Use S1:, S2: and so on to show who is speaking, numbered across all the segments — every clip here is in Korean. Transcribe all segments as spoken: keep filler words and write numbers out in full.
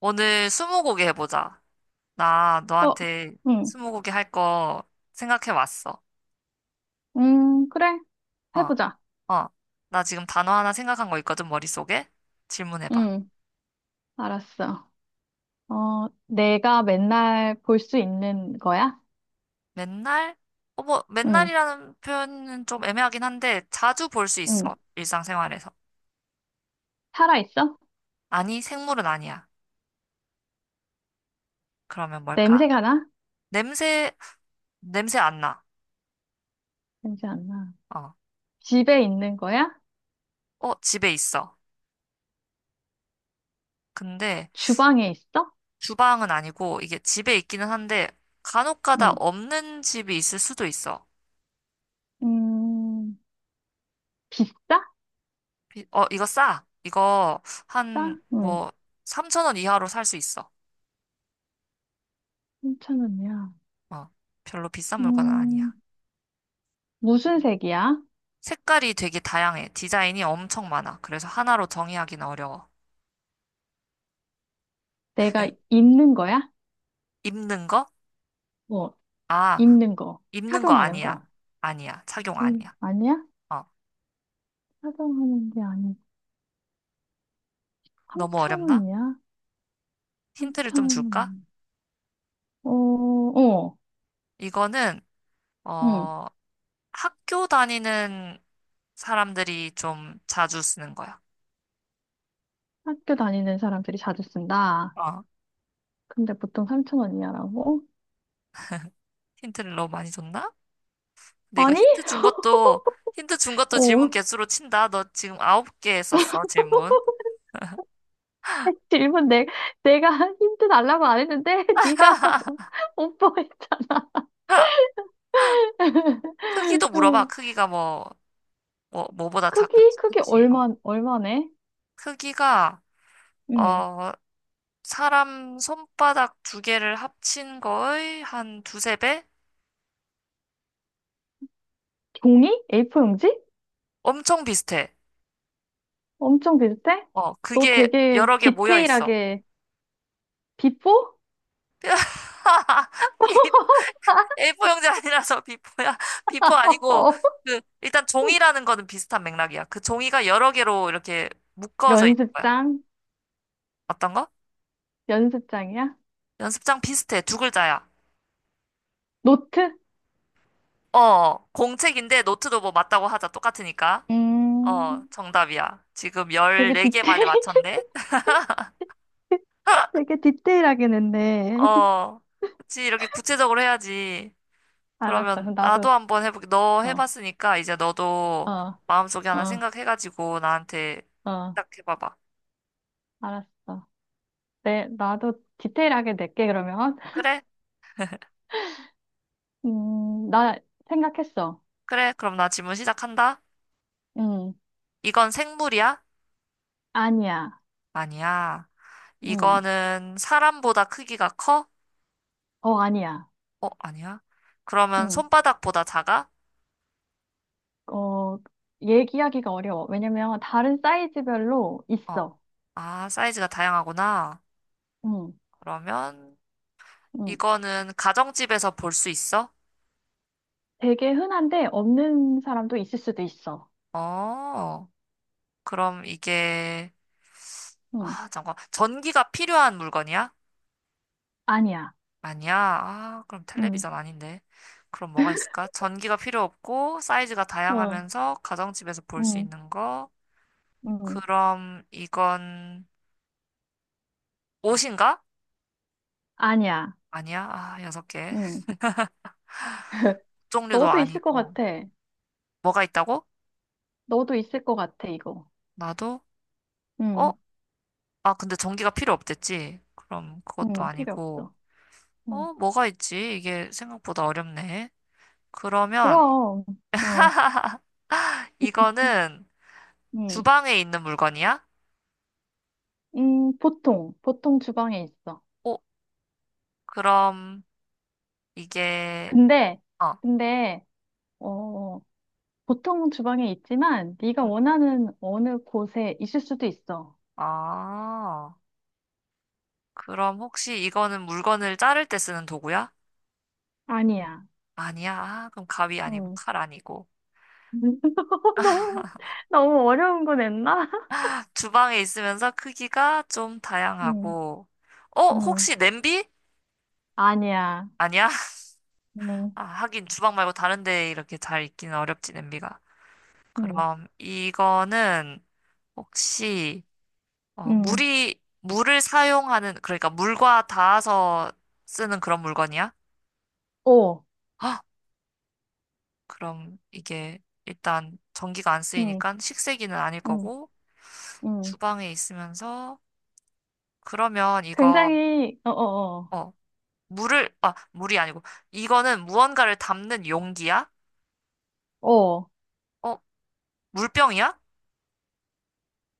S1: 오늘 스무고개 해보자. 나
S2: 어,
S1: 너한테
S2: 응,
S1: 스무고개 할 거 생각해왔어.
S2: 음, 그래.
S1: 어,
S2: 해보자.
S1: 어. 나 지금 단어 하나 생각한 거 있거든, 머릿속에. 질문해봐.
S2: 응, 알았어. 어, 내가 맨날 볼 수 있는 거야?
S1: 맨날? 어, 뭐,
S2: 응,
S1: 맨날이라는 표현은 좀 애매하긴 한데, 자주 볼 수
S2: 응.
S1: 있어, 일상생활에서.
S2: 살아있어?
S1: 아니, 생물은 아니야. 그러면 뭘까?
S2: 냄새가 나?
S1: 냄새, 냄새 안 나.
S2: 냄새 안 나.
S1: 어,
S2: 집에 있는 거야?
S1: 어, 집에 있어. 근데
S2: 주방에 있어?
S1: 주방은 아니고, 이게 집에 있기는 한데, 간혹 가다
S2: 응.
S1: 없는 집이 있을 수도 있어.
S2: 음, 비싸?
S1: 이- 어, 이거 싸. 이거
S2: 싸?
S1: 한
S2: 응.
S1: 뭐 삼천 원 이하로 살 수 있어.
S2: 삼천 원이야.
S1: 어, 별로 비싼 물건은
S2: 음,
S1: 아니야.
S2: 무슨 색이야?
S1: 색깔이 되게 다양해. 디자인이 엄청 많아. 그래서 하나로 정의하기는 어려워.
S2: 내가 입는 거야?
S1: 입는 거?
S2: 뭐,
S1: 아,
S2: 입는 거.
S1: 입는 거
S2: 착용하는
S1: 아니야.
S2: 거.
S1: 아니야. 착용
S2: 음,
S1: 아니야.
S2: 아니야?
S1: 어,
S2: 착용하는 게 아니고.
S1: 너무
S2: 삼천
S1: 어렵나?
S2: 원이야?
S1: 힌트를 좀 줄까?
S2: 삼천, 어, 어,
S1: 이거는
S2: 응.
S1: 어, 학교 다니는 사람들이 좀 자주 쓰는 거야.
S2: 학교 다니는 사람들이 자주 쓴다.
S1: 어,
S2: 근데 보통 삼천 원 이하라고?
S1: 힌트를 너무 많이 줬나? 근데 이거
S2: 아니?
S1: 힌트 준 것도, 힌트 준 것도 질문
S2: 어,
S1: 개수로 친다. 너 지금 아홉 개 썼어, 질문.
S2: 질문 내, 내가 힌트 달라고 안 했는데, 네가 오빠 했잖아
S1: 아, 크기도 물어봐.
S2: 응.
S1: 크기가 뭐, 뭐, 뭐보다
S2: 크기?
S1: 작은지
S2: 크기
S1: 큰지. 어.
S2: 얼마, 얼마네?
S1: 크기가,
S2: 응.
S1: 어, 사람 손바닥 두 개를 합친 거의 한 두세 배?
S2: 종이? 에이 포 용지?
S1: 엄청 비슷해.
S2: 엄청 비슷해?
S1: 어,
S2: 너
S1: 그게
S2: 되게
S1: 여러 개 모여 있어.
S2: 디테일하게, 비포?
S1: 비- 에이포 형제 아니라서 비포야. 비포 아니고,
S2: 어,
S1: 그, 일단 종이라는 거는 비슷한 맥락이야. 그 종이가 여러 개로 이렇게 묶어져 있는 거야.
S2: 연습장?
S1: 어떤 거?
S2: 연습장이야?
S1: 연습장 비슷해. 두 글자야.
S2: 노트?
S1: 어, 공책인데 노트도 뭐 맞다고 하자. 똑같으니까. 어,
S2: 음.
S1: 정답이야. 지금
S2: 되게
S1: 열네 개 만에
S2: 디테일,
S1: 맞췄네?
S2: 되게 디테일하긴 했네.
S1: 어, 그치. 이렇게 구체적으로 해야지.
S2: 알았어.
S1: 그러면
S2: 그럼 나도,
S1: 나도 한번 해볼게. 너
S2: 어,
S1: 해봤으니까 이제 너도
S2: 어,
S1: 마음속에 하나
S2: 어,
S1: 생각해가지고 나한테
S2: 어,
S1: 시작해봐봐.
S2: 알았어. 네, 나도 디테일하게 낼게, 그러면.
S1: 그래?
S2: 음, 나 생각했어.
S1: 그래. 그럼 나 질문 시작한다.
S2: 음,
S1: 이건 생물이야?
S2: 아니야.
S1: 아니야.
S2: 음,
S1: 이거는 사람보다 크기가 커?
S2: 어, 아니야.
S1: 어, 아니야. 그러면
S2: 음,
S1: 손바닥보다 작아?
S2: 어, 얘기하기가 어려워. 왜냐면 다른 사이즈별로
S1: 어.
S2: 있어.
S1: 아, 사이즈가 다양하구나.
S2: 음,
S1: 그러면
S2: 음,
S1: 이거는 가정집에서 볼 수 있어?
S2: 되게 흔한데 없는 사람도 있을 수도 있어.
S1: 어, 그럼 이게,
S2: 음,
S1: 아, 잠깐. 전기가 필요한 물건이야?
S2: 아니야.
S1: 아니야. 아, 그럼
S2: 음,
S1: 텔레비전 아닌데. 그럼 뭐가 있을까? 전기가 필요 없고, 사이즈가
S2: 어,
S1: 다양하면서 가정집에서 볼 수
S2: 음,
S1: 있는 거.
S2: 음,
S1: 그럼 이건 옷인가?
S2: 아니야.
S1: 아니야. 아, 여섯 개.
S2: 응.
S1: 종류도
S2: 너도 있을 것
S1: 아니고.
S2: 같아.
S1: 뭐가 있다고?
S2: 너도 있을 것 같아, 이거.
S1: 나도? 어?
S2: 응,
S1: 아, 근데 전기가 필요 없댔지? 그럼 그것도
S2: 응, 필요
S1: 아니고.
S2: 없어. 응.
S1: 어, 뭐가 있지? 이게 생각보다 어렵네. 그러면
S2: 그럼, 어,
S1: 이거는
S2: 응,
S1: 주방에 있는 물건이야?
S2: 음, 보통, 보통 주방에 있어.
S1: 어, 그럼 이게,
S2: 근데,
S1: 어,
S2: 근데, 어, 보통 주방에 있지만, 네가
S1: 음,
S2: 원하는 어느 곳에 있을 수도 있어.
S1: 아, 그럼 혹시 이거는 물건을 자를 때 쓰는 도구야?
S2: 아니야.
S1: 아니야. 아, 그럼 가위 아니고
S2: 응.
S1: 칼 아니고.
S2: 너무, 너무 어려운 거 냈나?
S1: 주방에 있으면서 크기가 좀
S2: 응,
S1: 다양하고. 어,
S2: 응.
S1: 혹시 냄비?
S2: 아니야.
S1: 아니야?
S2: 응,
S1: 아, 하긴 주방 말고 다른 데 이렇게 잘 있기는 어렵지, 냄비가.
S2: 응,
S1: 그럼 이거는 혹시 어,
S2: 응.
S1: 물이 물을 사용하는 그러니까 물과 닿아서 쓰는 그런 물건이야?
S2: 오,
S1: 아, 그럼 이게 일단 전기가 안
S2: 응,
S1: 쓰이니까 식세기는 아닐
S2: 응,
S1: 거고
S2: 응.
S1: 주방에 있으면서 그러면 이거
S2: 굉장히, 어, 어,
S1: 어 물을 아 물이 아니고 이거는 무언가를 담는 용기야?
S2: 어, 어,
S1: 어 물병이야?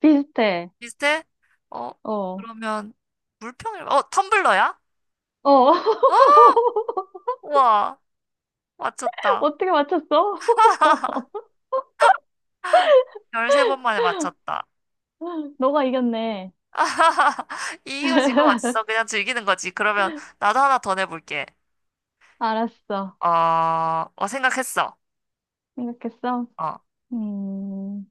S2: 비슷해.
S1: 비슷해? 어
S2: 어,
S1: 그러면 물병이 어 텀블러야?
S2: 어.
S1: 아 우와 맞췄다.
S2: 어떻게 맞췄어?
S1: 열세 번 만에 맞췄다.
S2: 너가 이겼네.
S1: 이유지가 어딨어? 그냥 즐기는 거지. 그러면 나도 하나 더 내볼게.
S2: 알았어.
S1: 어, 어, 생각했어.
S2: 생각했어?
S1: 어,
S2: 음,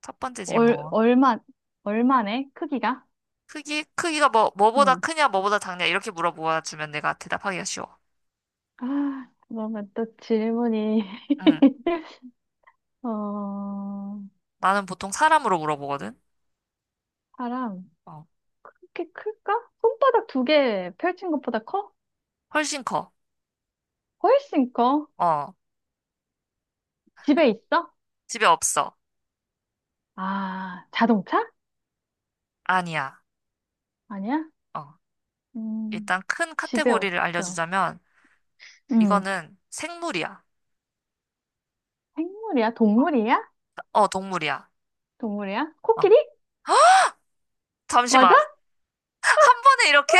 S1: 첫 번째 질문.
S2: 얼, 얼마, 얼마네? 크기가?
S1: 크기, 크기가 뭐, 뭐보다
S2: 응.
S1: 크냐, 뭐보다 작냐, 이렇게 물어보아 주면 내가 대답하기가 쉬워.
S2: 아, 뭔가 또 질문이.
S1: 응.
S2: 어,
S1: 나는 보통 사람으로 물어보거든.
S2: 사람,
S1: 어,
S2: 그렇게 클까? 손바닥 두 개 펼친 것보다 커?
S1: 훨씬 커.
S2: 훨씬 커?
S1: 어,
S2: 집에 있어?
S1: 집에 없어.
S2: 아, 자동차?
S1: 아니야.
S2: 아니야?
S1: 어,
S2: 음,
S1: 일단 큰
S2: 집에
S1: 카테고리를
S2: 없어.
S1: 알려주자면,
S2: 응.
S1: 이거는 생물이야.
S2: 생물이야?
S1: 어,
S2: 동물이야?
S1: 어, 동물이야.
S2: 동물이야?
S1: 어,
S2: 코끼리?
S1: 잠시만.
S2: 맞아?
S1: 한 번에 이렇게?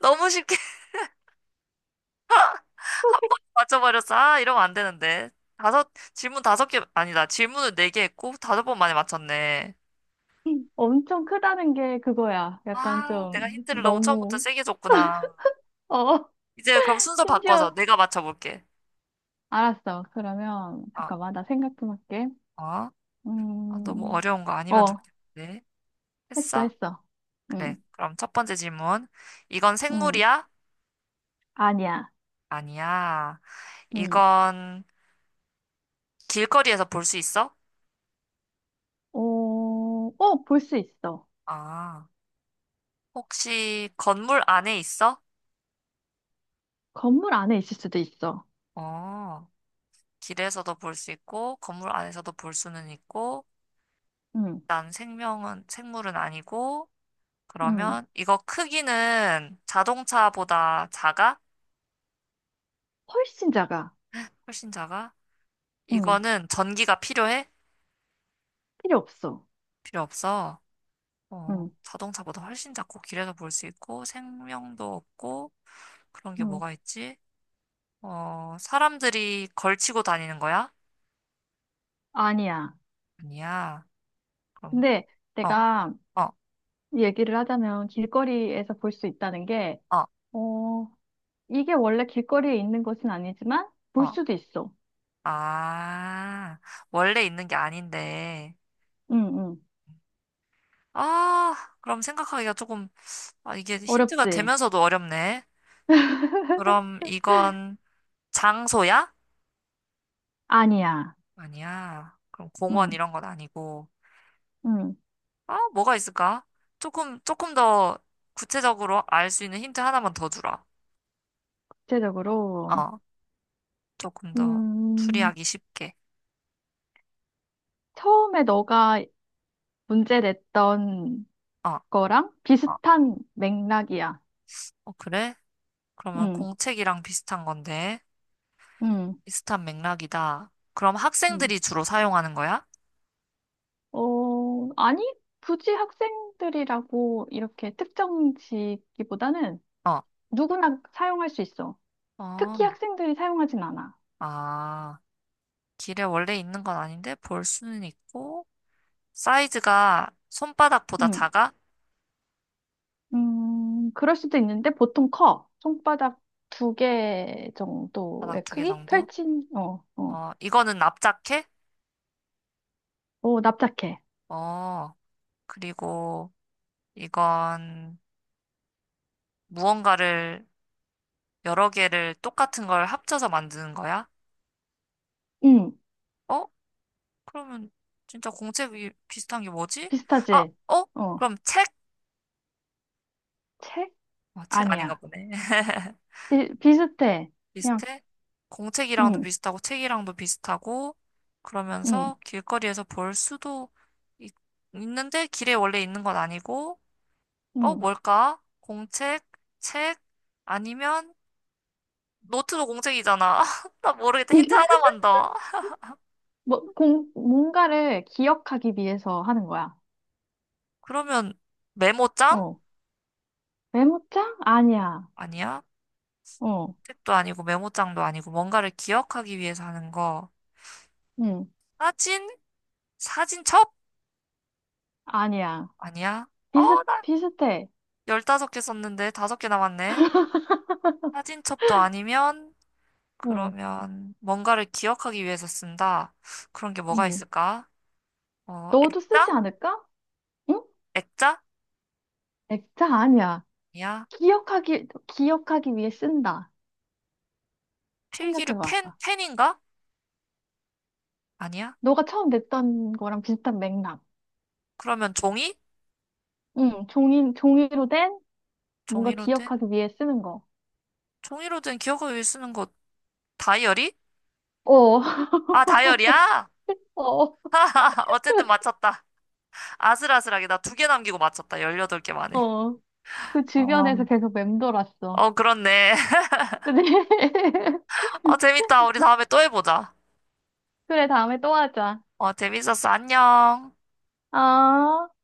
S1: 너무 쉽게 맞춰버렸어. 아, 이러면 안 되는데. 다섯, 질문 다섯 개, 아니다. 질문을 네 개 했고, 다섯 번 만에 맞췄네.
S2: 코끼리 엄청 크다는 게 그거야. 약간
S1: 아,
S2: 좀
S1: 내가 힌트를 너무 처음부터
S2: 너무
S1: 세게 줬구나.
S2: 어
S1: 이제 그럼 순서 바꿔서
S2: 심지어
S1: 내가 맞춰볼게.
S2: 알았어. 그러면
S1: 아,
S2: 잠깐만 나 생각 좀 할게.
S1: 어? 아, 너무
S2: 음,
S1: 어려운 거 아니면
S2: 어
S1: 좋겠는데.
S2: 했어
S1: 했어?
S2: 했어.
S1: 그래.
S2: 음,
S1: 그럼 첫 번째 질문. 이건
S2: 음
S1: 생물이야?
S2: 아니야.
S1: 아니야.
S2: 음,
S1: 이건 길거리에서 볼 수 있어?
S2: 어, 어볼 수 있어.
S1: 아, 혹시 건물 안에 있어?
S2: 건물 안에 있을 수도 있어.
S1: 어. 길에서도 볼 수 있고, 건물 안에서도 볼 수는 있고,
S2: 음,
S1: 난 생명은, 생물은 아니고,
S2: 음
S1: 그러면 이거 크기는 자동차보다 작아?
S2: 훨씬 작아.
S1: 훨씬 작아?
S2: 응,
S1: 이거는 전기가 필요해?
S2: 필요 없어.
S1: 필요 없어. 어,
S2: 응,
S1: 자동차보다 훨씬 작고, 길에서 볼 수 있고, 생명도 없고, 그런 게
S2: 응,
S1: 뭐가 있지? 어, 사람들이 걸치고 다니는 거야?
S2: 아니야.
S1: 아니야. 그럼,
S2: 근데
S1: 어,
S2: 내가
S1: 어,
S2: 얘기를 하자면 길거리에서 볼 수 있다는 게,
S1: 어,
S2: 어, 이게 원래 길거리에 있는 것은 아니지만 볼
S1: 어.
S2: 수도 있어.
S1: 아, 원래 있는 게 아닌데.
S2: 응, 응.
S1: 아, 그럼 생각하기가 조금, 아, 이게 힌트가
S2: 어렵지?
S1: 되면서도 어렵네. 그럼 이건 장소야?
S2: 아니야.
S1: 아니야. 그럼 공원
S2: 응,
S1: 이런 건 아니고.
S2: 응.
S1: 아, 뭐가 있을까? 조금, 조금 더 구체적으로 알 수 있는 힌트 하나만 더 주라.
S2: 구체적으로,
S1: 어, 조금 더
S2: 음,
S1: 추리하기 쉽게.
S2: 처음에 너가 문제 냈던
S1: 어,
S2: 거랑
S1: 어,
S2: 비슷한 맥락이야.
S1: 어, 그래? 그러면
S2: 응,
S1: 공책이랑 비슷한 건데,
S2: 응,
S1: 비슷한 맥락이다. 그럼
S2: 응.
S1: 학생들이 주로 사용하는 거야?
S2: 어, 아니, 굳이 학생들이라고 이렇게 특정지기보다는
S1: 어,
S2: 누구나 사용할 수 있어.
S1: 어,
S2: 특히 학생들이 사용하진 않아.
S1: 아. 길에 원래 있는 건 아닌데 볼 수는 있고 사이즈가 손바닥보다
S2: 음,
S1: 작아?
S2: 음, 그럴 수도 있는데 보통 커. 손바닥 두 개
S1: 바닥
S2: 정도의
S1: 두 개
S2: 크기?
S1: 정도?
S2: 펼친, 어, 어.
S1: 어, 이거는 납작해?
S2: 오, 납작해.
S1: 어, 그리고 이건 무언가를 여러 개를 똑같은 걸 합쳐서 만드는 거야?
S2: 음,
S1: 어? 그러면 진짜 공책이 비슷한 게 뭐지? 아,
S2: 비슷하지?
S1: 어?
S2: 어,
S1: 그럼 책?
S2: 책?
S1: 어, 책 아닌가
S2: 아니야.
S1: 보네.
S2: 비, 비슷해. 그냥,
S1: 비슷해? 공책이랑도
S2: 음,
S1: 비슷하고 책이랑도 비슷하고
S2: 음,
S1: 그러면서 길거리에서 볼 수도 있, 는데 길에 원래 있는 건 아니고 어
S2: 음.
S1: 뭘까? 공책, 책 아니면 노트도 공책이잖아. 나 모르겠다. 힌트 하나만 더.
S2: 뭐, 공, 뭔가를 기억하기 위해서 하는 거야.
S1: 그러면 메모장?
S2: 어. 메모장? 아니야.
S1: 아니야.
S2: 어,
S1: 책도 아니고 메모장도 아니고 뭔가를 기억하기 위해서 하는 거.
S2: 응,
S1: 사진? 사진첩?
S2: 아니야.
S1: 아니야. 어,
S2: 비슷,
S1: 나
S2: 비슷해.
S1: 열다섯 개 썼는데 다섯 개 남았네. 사진첩도 아니면
S2: 응,
S1: 그러면 뭔가를 기억하기 위해서 쓴다. 그런 게 뭐가
S2: 응.
S1: 있을까? 어,
S2: 너도 쓰지
S1: 액자?
S2: 않을까? 응?
S1: 액자?
S2: 액자 아니야.
S1: 아니야.
S2: 기억하기, 기억하기 위해 쓴다.
S1: 필기류
S2: 생각해봐.
S1: 펜, 펜인가? 아니야.
S2: 너가 처음 냈던 거랑 비슷한 맥락.
S1: 그러면 종이?
S2: 응, 종이, 종이로 된 뭔가
S1: 종이로 된?
S2: 기억하기 위해 쓰는 거.
S1: 종이로 된 기억을 위해 쓰는 거 다이어리?
S2: 어,
S1: 아, 다이어리야?
S2: 어,
S1: 어쨌든 맞췄다. 아슬아슬하게 나 두 개 남기고 맞췄다. 열여덟 개 만에.
S2: 어. 그 주변에서
S1: 어,
S2: 계속 맴돌았어.
S1: 어, 그렇네.
S2: 그래,
S1: 어, 재밌다. 우리 다음에 또 해보자.
S2: 그래, 다음에 또 하자.
S1: 어, 재밌었어. 안녕.
S2: 아.